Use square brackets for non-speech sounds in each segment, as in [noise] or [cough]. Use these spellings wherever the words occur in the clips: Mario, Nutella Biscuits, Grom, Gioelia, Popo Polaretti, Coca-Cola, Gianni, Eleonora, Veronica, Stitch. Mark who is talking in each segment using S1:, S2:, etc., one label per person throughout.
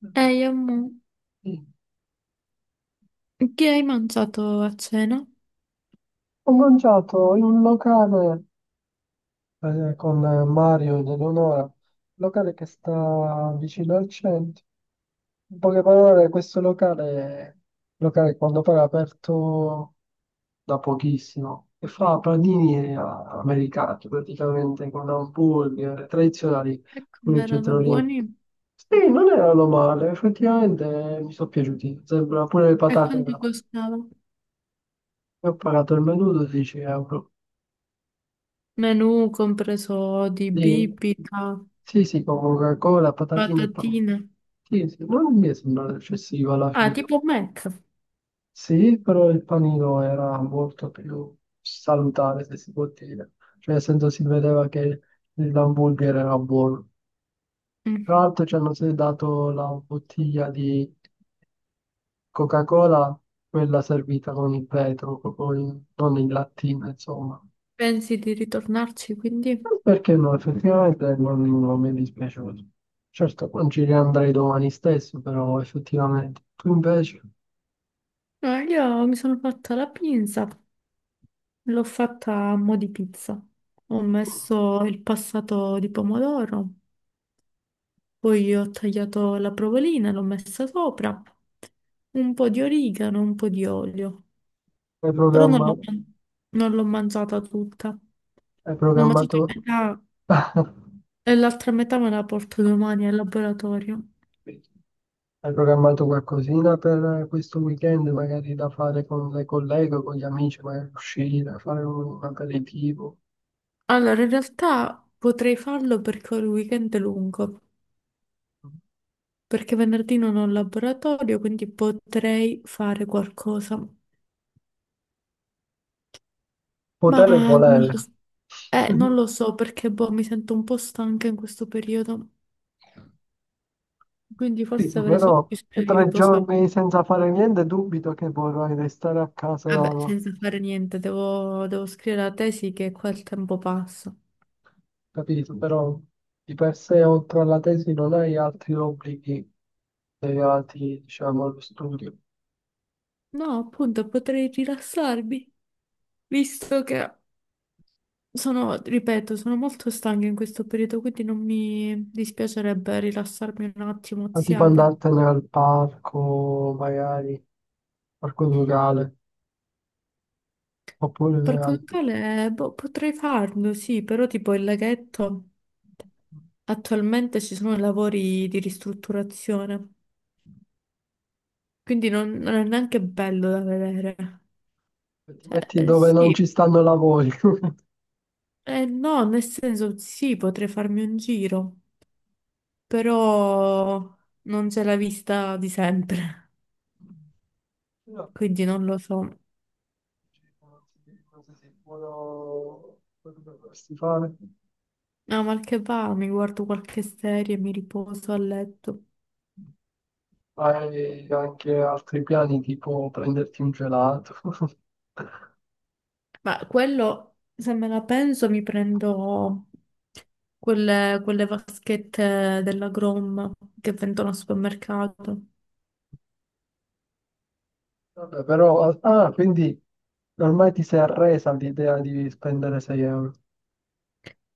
S1: Sì.
S2: Eh, io mo- Che hai mangiato a cena?
S1: Ho mangiato in un locale con Mario ed Eleonora, un locale che sta vicino al centro. In poche parole, questo locale quando poi è aperto da pochissimo, e fa panini americani praticamente con hamburger tradizionali
S2: E
S1: pure
S2: come
S1: i
S2: erano
S1: cetriolini.
S2: buoni?
S1: Sì, non erano male, effettivamente mi sono piaciuti. Sembra pure le
S2: E
S1: patate,
S2: quanto
S1: no?
S2: costava?
S1: Io ho pagato il menù 12 euro.
S2: Menù compreso di
S1: Sì,
S2: bibita,
S1: sì, sì, con Coca-Cola, patatine e pane.
S2: patatine.
S1: Sì, sì, non mi è sembrata eccessiva alla
S2: Ah,
S1: fine.
S2: tipo Mac.
S1: Sì, però il panino era molto più salutare, se si può dire. Cioè, nel senso si vedeva che l'hamburger era buono.
S2: Mm.
S1: Tra l'altro ci hanno dato la bottiglia di Coca-Cola, quella servita con il vetro, non in lattina, insomma.
S2: Pensi di ritornarci quindi?
S1: Perché no, effettivamente non mi è dispiaciuto. Certo, non ci riandrei domani stesso, però effettivamente. Tu invece
S2: No, io mi sono fatta la pinza, l'ho fatta a mo' di pizza. Ho messo il passato di pomodoro, poi ho tagliato la provolina, l'ho messa sopra, un po' di origano, un po' di olio.
S1: hai
S2: Però non l'ho
S1: programmato,
S2: non l'ho mangiata tutta.
S1: hai
S2: L'ho mangiata
S1: programmato,
S2: a metà
S1: [laughs]
S2: e l'altra metà me la porto domani al laboratorio.
S1: hai programmato qualcosina per questo weekend, magari da fare con le colleghe, con gli amici, magari uscire, fare un aperitivo.
S2: Allora, in realtà potrei farlo perché ho il weekend lungo, perché venerdì non ho il laboratorio, quindi potrei fare qualcosa. Ma
S1: Potere e
S2: non
S1: volere.
S2: lo s- non
S1: [laughs]
S2: lo so perché boh, mi sento un po' stanca in questo periodo, quindi forse
S1: Capito,
S2: avrei solo
S1: però
S2: bisogno di
S1: tre
S2: riposare.
S1: giorni senza fare niente, dubito che vorrai restare a casa.
S2: Vabbè, senza fare niente, devo scrivere la tesi che qua il tempo passa.
S1: Capito, però di per sé oltre alla tesi non hai altri obblighi legati, diciamo, allo studio.
S2: No, appunto, potrei rilassarmi, visto che sono, ripeto, sono molto stanca in questo periodo, quindi non mi dispiacerebbe rilassarmi un attimo,
S1: Ma tipo
S2: oziare.
S1: andartene al parco, magari, parco locale, oppure
S2: Per conto
S1: al-
S2: tale, boh, potrei farlo, sì, però tipo il laghetto, attualmente ci sono lavori di ristrutturazione, quindi non è neanche bello da vedere.
S1: ti
S2: Cioè,
S1: metti dove non
S2: sì,
S1: ci stanno lavori. [laughs]
S2: no, nel senso, sì, potrei farmi un giro, però non c'è la vista di sempre.
S1: No,
S2: Quindi non lo so.
S1: non so se è buono quello che potresti fare.
S2: No, mal che va, mi guardo qualche serie, mi riposo a letto.
S1: Hai anche altri piani, tipo prenderti un gelato. [laughs]
S2: Ma quello, se me la penso, mi prendo quelle vaschette della Grom che vendono al supermercato.
S1: Vabbè, però, ah, quindi ormai ti sei arresa all'idea di spendere 6 euro.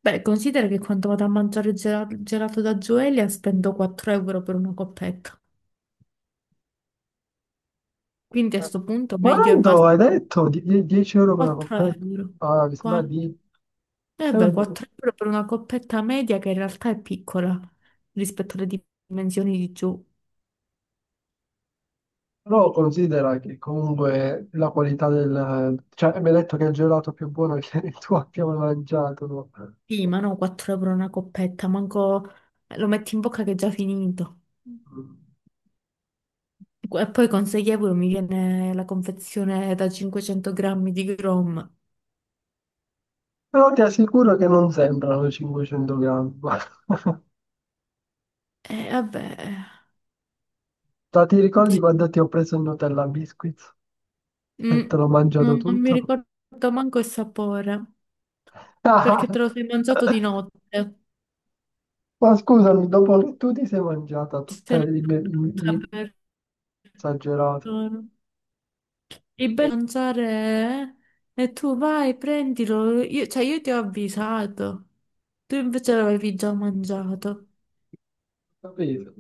S2: Beh, considera che quando vado a mangiare il gelato da Gioelia spendo 4 euro per una coppetta. Quindi a
S1: Eh.
S2: sto punto meglio è va.
S1: Quanto hai detto? 10 euro per una
S2: 4
S1: coppetta?
S2: euro.
S1: Ah, mi sembra di.
S2: Eh
S1: Eh,
S2: beh,
S1: vabbè.
S2: 4 euro per una coppetta media che in realtà è piccola rispetto alle dimensioni di giù.
S1: Però considera che comunque la qualità del. Cioè, mi hai detto che è il gelato più buono che [laughs] tu abbia mai mangiato, no?
S2: Sì, ma no, 4 euro una coppetta, manco lo metti in bocca che è già finito.
S1: Mm.
S2: E poi con 6 euro mi viene la confezione da 500 grammi di Grom.
S1: Però ti assicuro che non sembrano 500 grammi. [laughs] Guarda,
S2: E vabbè,
S1: ti ricordi
S2: sì.
S1: quando ti ho preso il Nutella Biscuits
S2: Mm,
S1: e te l'ho mangiato
S2: non mi
S1: tutto?
S2: ricordo manco il sapore, perché te lo
S1: [laughs]
S2: sei mangiato di notte.
S1: Ma scusami, dopo che tu ti sei mangiata tutta
S2: Se
S1: la
S2: ne
S1: libreria
S2: per
S1: esagerata,
S2: persona. Il bello mangiare è e tu vai, prendilo. Io, cioè, io ti ho avvisato. Tu invece l'avevi già mangiato.
S1: capito?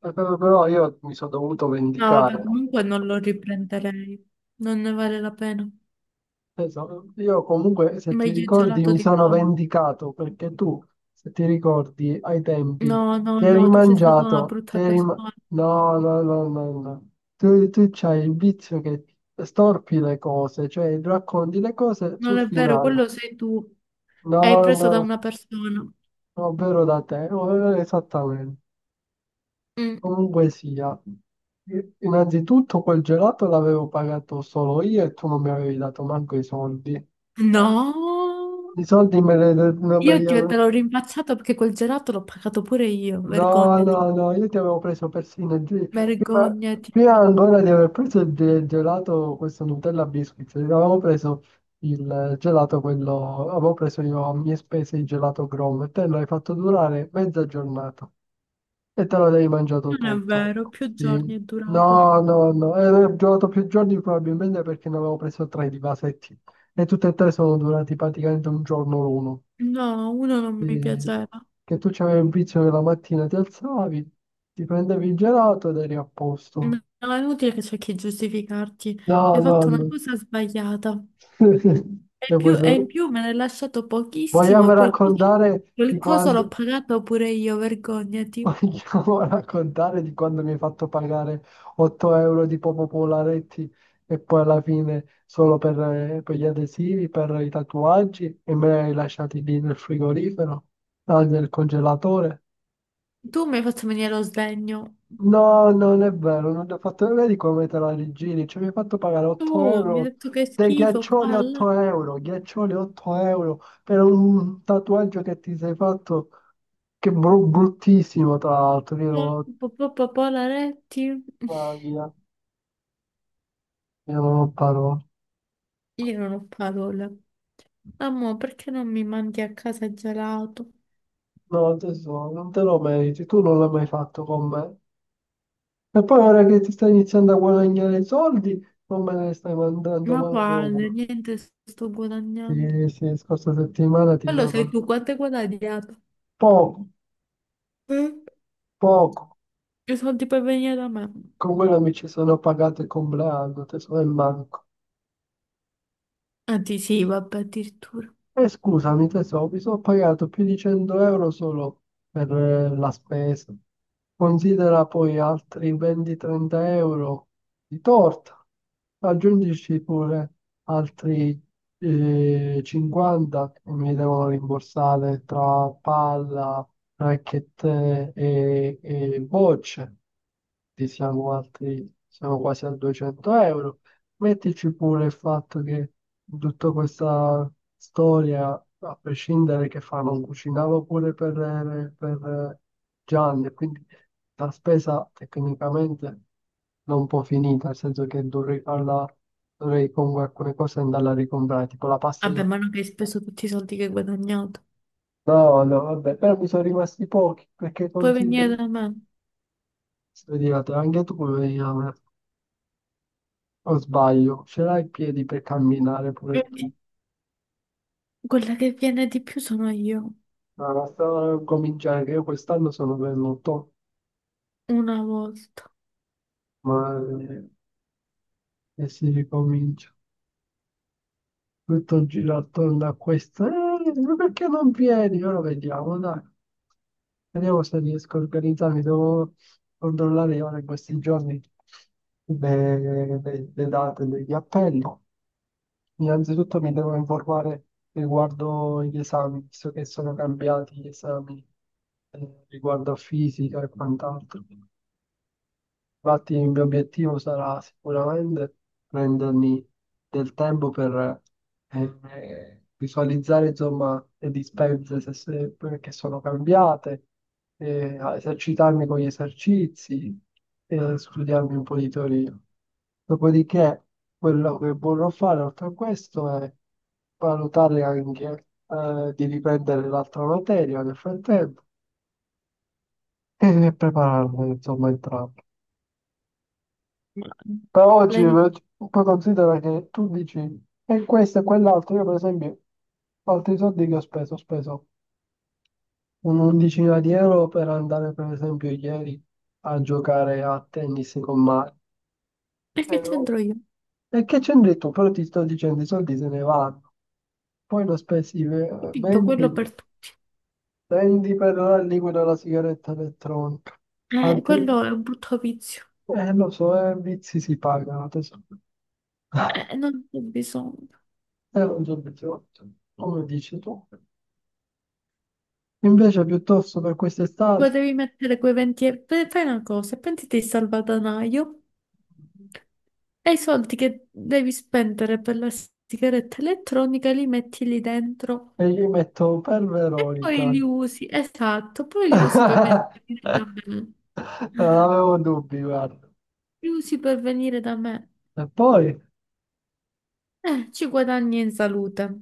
S1: Però io mi sono dovuto
S2: No, vabbè,
S1: vendicare.
S2: comunque non lo riprenderei. Non ne vale la pena.
S1: Io comunque, se ti
S2: Meglio il
S1: ricordi,
S2: gelato
S1: mi
S2: di
S1: sono
S2: Roma.
S1: vendicato perché tu, se ti ricordi, ai tempi
S2: No, no,
S1: ti eri
S2: no, tu sei stata una
S1: mangiato, ti
S2: brutta
S1: eri ma-
S2: persona.
S1: No, no, no, no, no. Tu c'hai il vizio che storpi le cose, cioè racconti le cose
S2: Non
S1: sul
S2: è vero,
S1: finale.
S2: quello sei tu. Hai
S1: No,
S2: preso da
S1: no.
S2: una persona.
S1: Ovvero da te, no, esattamente.
S2: Mm.
S1: Comunque sia, innanzitutto quel gelato l'avevo pagato solo io e tu non mi avevi dato manco i soldi.
S2: No,
S1: I soldi me li, non me li
S2: te
S1: ave-.
S2: l'ho rimpacciato perché quel gelato l'ho pagato pure io.
S1: No,
S2: Vergognati.
S1: no, no, io ti avevo preso persino il prima,
S2: Vergognati.
S1: prima ancora di aver preso il gelato, questo Nutella Biscuit, ti avevo preso il gelato, quello, avevo preso io a mie spese il gelato Grom e te l'hai fatto durare mezza giornata. E te lo devi mangiato
S2: Non è
S1: tutto.
S2: vero, più giorni
S1: Sì.
S2: è durato.
S1: No, no, no. E ho giocato più giorni probabilmente perché ne avevo preso tre di vasetti. E tutte e tre sono durati praticamente un giorno l'uno.
S2: No, uno non mi
S1: Sì.
S2: piaceva.
S1: Che tu c'avevi un vizio che la mattina ti alzavi, ti prendevi il gelato ed eri a
S2: No,
S1: posto.
S2: è inutile che cerchi di giustificarti.
S1: No,
S2: Hai
S1: no,
S2: fatto una
S1: no.
S2: cosa sbagliata.
S1: [laughs]
S2: E,
S1: E poi
S2: più- e in più me ne hai lasciato pochissimo e
S1: vogliamo
S2: qualcosa,
S1: raccontare di
S2: qualcosa
S1: quando.
S2: l'ho pagato pure io, vergognati.
S1: Vogliamo [laughs] raccontare di quando mi hai fatto pagare 8 euro di Popo Polaretti e poi alla fine solo per gli adesivi, per i tatuaggi e me li hai lasciati lì nel frigorifero, ah, nel congelatore?
S2: Tu mi hai fatto venire lo sdegno.
S1: No, non è vero, non ti ho fatto vedi come te la rigiri, cioè mi hai fatto pagare
S2: Tu
S1: 8
S2: mi hai
S1: euro,
S2: detto che è
S1: dei
S2: schifo,
S1: ghiaccioli
S2: qua, là,
S1: 8 euro, ghiaccioli 8 euro per un tatuaggio che ti sei fatto, che bruttissimo tra l'altro,
S2: là,
S1: io.
S2: polaretti.
S1: Italia. Io non ho parole.
S2: Io non ho parole. Amore, perché non mi mandi a casa il gelato?
S1: No, tesoro, non te lo meriti, tu non l'hai mai fatto con me. E poi ora che ti stai iniziando a guadagnare i soldi, non me ne stai mandando
S2: Ma
S1: manco
S2: quale?
S1: uno.
S2: Niente, sto guadagnando.
S1: Sì, sì, scorsa settimana ti
S2: Quello
S1: do
S2: sei tu, quanto hai guadagnato?
S1: poco,
S2: Mm?
S1: poco.
S2: Più soldi per venire da me.
S1: Con quello mi ci sono pagato il compleanno, tesoro, e manco.
S2: Anzi, sì, vabbè, addirittura.
S1: E scusami tesoro, mi sono pagato più di 100 euro solo per la spesa. Considera poi altri 20-30 euro di torta. Aggiungici pure altri 50 che mi devono rimborsare tra palla, racchette e bocce. Ti siamo altri, siamo quasi a 200 euro. Mettici pure il fatto che in tutta questa storia, a prescindere che fa, non cucinava pure per Gianni, e quindi la spesa tecnicamente non può finita, nel senso che dovrei farla, dovrei comunque alcune cose andarla a ricomprare, tipo la pasta
S2: Vabbè,
S1: io.
S2: ma non che hai speso tutti i soldi che hai guadagnato.
S1: No, no, vabbè, però mi sono rimasti pochi, perché
S2: Puoi
S1: consideri.
S2: venire da me.
S1: Vedi, anche tu puoi venire a me, o sbaglio, ce l'hai i piedi per camminare pure
S2: Quindi,
S1: tu.
S2: quella che viene di più sono io.
S1: Ma sta a cominciare, che io quest'anno sono venuto,
S2: Una volta.
S1: ma e si ricomincia. Tutto gira attorno a questo. Ma perché non vieni? Ora vediamo, dai. Vediamo se riesco a organizzarmi. Devo controllare ora in questi giorni le, le date degli appelli. Innanzitutto mi devo informare riguardo gli esami, visto che sono cambiati gli esami riguardo a fisica e quant'altro. Infatti il mio obiettivo sarà sicuramente prendermi del tempo per visualizzare insomma le dispense che sono cambiate, a esercitarmi con gli esercizi e studiarmi un po' di teoria. Dopodiché quello che vorrò fare oltre a questo è valutare anche di riprendere l'altra materia nel frattempo e prepararmi insomma entrambi. Però oggi
S2: Lei-
S1: poi considera che tu dici e questo e quell'altro. Io, per esempio, altri soldi che ho speso, un'undicina di euro per andare, per esempio, ieri a giocare a tennis con Mario.
S2: E
S1: E,
S2: che
S1: ho-
S2: c'entro io?
S1: e che c'entri tu? Però ti sto dicendo, i soldi se ne vanno. Poi ne ho spesi ve-
S2: Capito,
S1: 20,
S2: quello per te.
S1: 20 per la liquida della sigaretta elettronica. Altri-
S2: Quello è un brutto vizio.
S1: lo so, vizi si pagano, tesoro. [laughs]
S2: Non c'è bisogno.
S1: Era un giorno di otto, come dici tu. Invece piuttosto per quest'estate
S2: Potevi mettere quei 20 euro. Fai una cosa, prenditi il salvadanaio. E i soldi che devi spendere per la sigaretta elettronica li metti lì dentro
S1: gli metto per
S2: e poi
S1: Veronica.
S2: li usi, esatto, poi li usi per
S1: [laughs]
S2: venire da me.
S1: Non avevo dubbi, guarda.
S2: Li usi per venire da me.
S1: E poi,
S2: Ci guadagni in salute.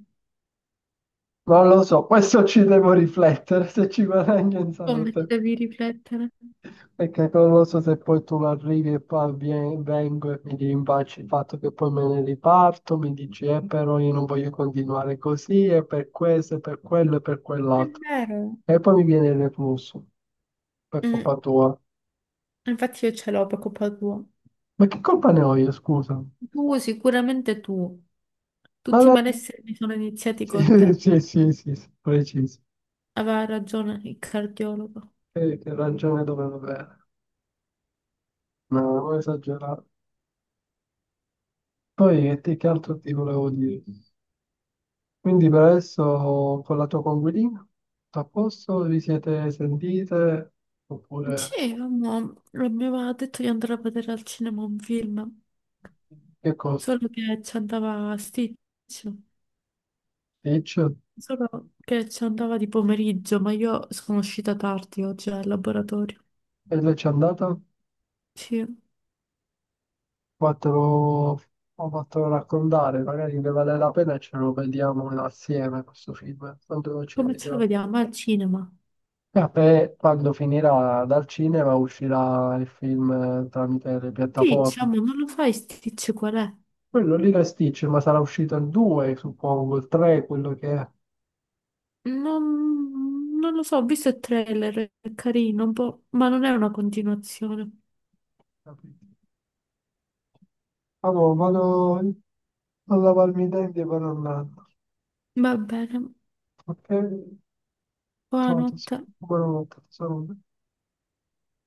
S1: non lo so, questo ci devo riflettere se ci guadagno in
S2: Come ci
S1: salute.
S2: devi riflettere?
S1: Perché non lo so se poi tu arrivi e poi vengo e mi rimpacci il fatto che poi me ne riparto, mi dici, però io non voglio continuare così, e per questo, e per quello, e per
S2: È
S1: quell'altro.
S2: vero.
S1: E poi mi viene il reflusso per
S2: Mm.
S1: colpa tua.
S2: Infatti io ce l'ho per colpa tua.
S1: Ma che colpa ne ho io, scusa?
S2: Tu, sicuramente tu.
S1: Ma
S2: Tutti i
S1: la-
S2: malesseri mi sono iniziati
S1: Sì,
S2: con
S1: [laughs]
S2: te.
S1: sì, sì, sì, sì, preciso.
S2: Aveva ragione il cardiologo.
S1: Che ragione dovevo avere? No, ho esagerato. Poi che altro ti volevo dire? Quindi per adesso con la tua coinquilina, tutto a posto, vi siete sentite? Oppure
S2: Sì, la mia mamma ha detto di andare a vedere al cinema un film,
S1: che cosa?
S2: solo che ci andava a Stitch,
S1: Ditch? E
S2: solo che ci andava di pomeriggio, ma io sono uscita tardi oggi al laboratorio.
S1: lei c'è andata?
S2: Sì,
S1: Fatelo, ho fatto raccontare, magari ne vale la pena e ce lo vediamo assieme questo film. Quando ci
S2: come ce lo
S1: vediamo?
S2: vediamo? Al cinema.
S1: Ah, e quando finirà dal cinema uscirà il film tramite le
S2: Stitch,
S1: piattaforme.
S2: amore, non lo fai Stitch qual è?
S1: Quello lì era Stitch, ma sarà uscito il 2, suppongo, il 3, quello che è.
S2: Non lo so, ho visto il trailer, è carino un po', ma non è una continuazione.
S1: Allora, vado a lavarmi i denti per un anno.
S2: Va bene,
S1: Ok? Ciao,
S2: buonanotte.
S1: tesoro. Buonanotte, tesoro.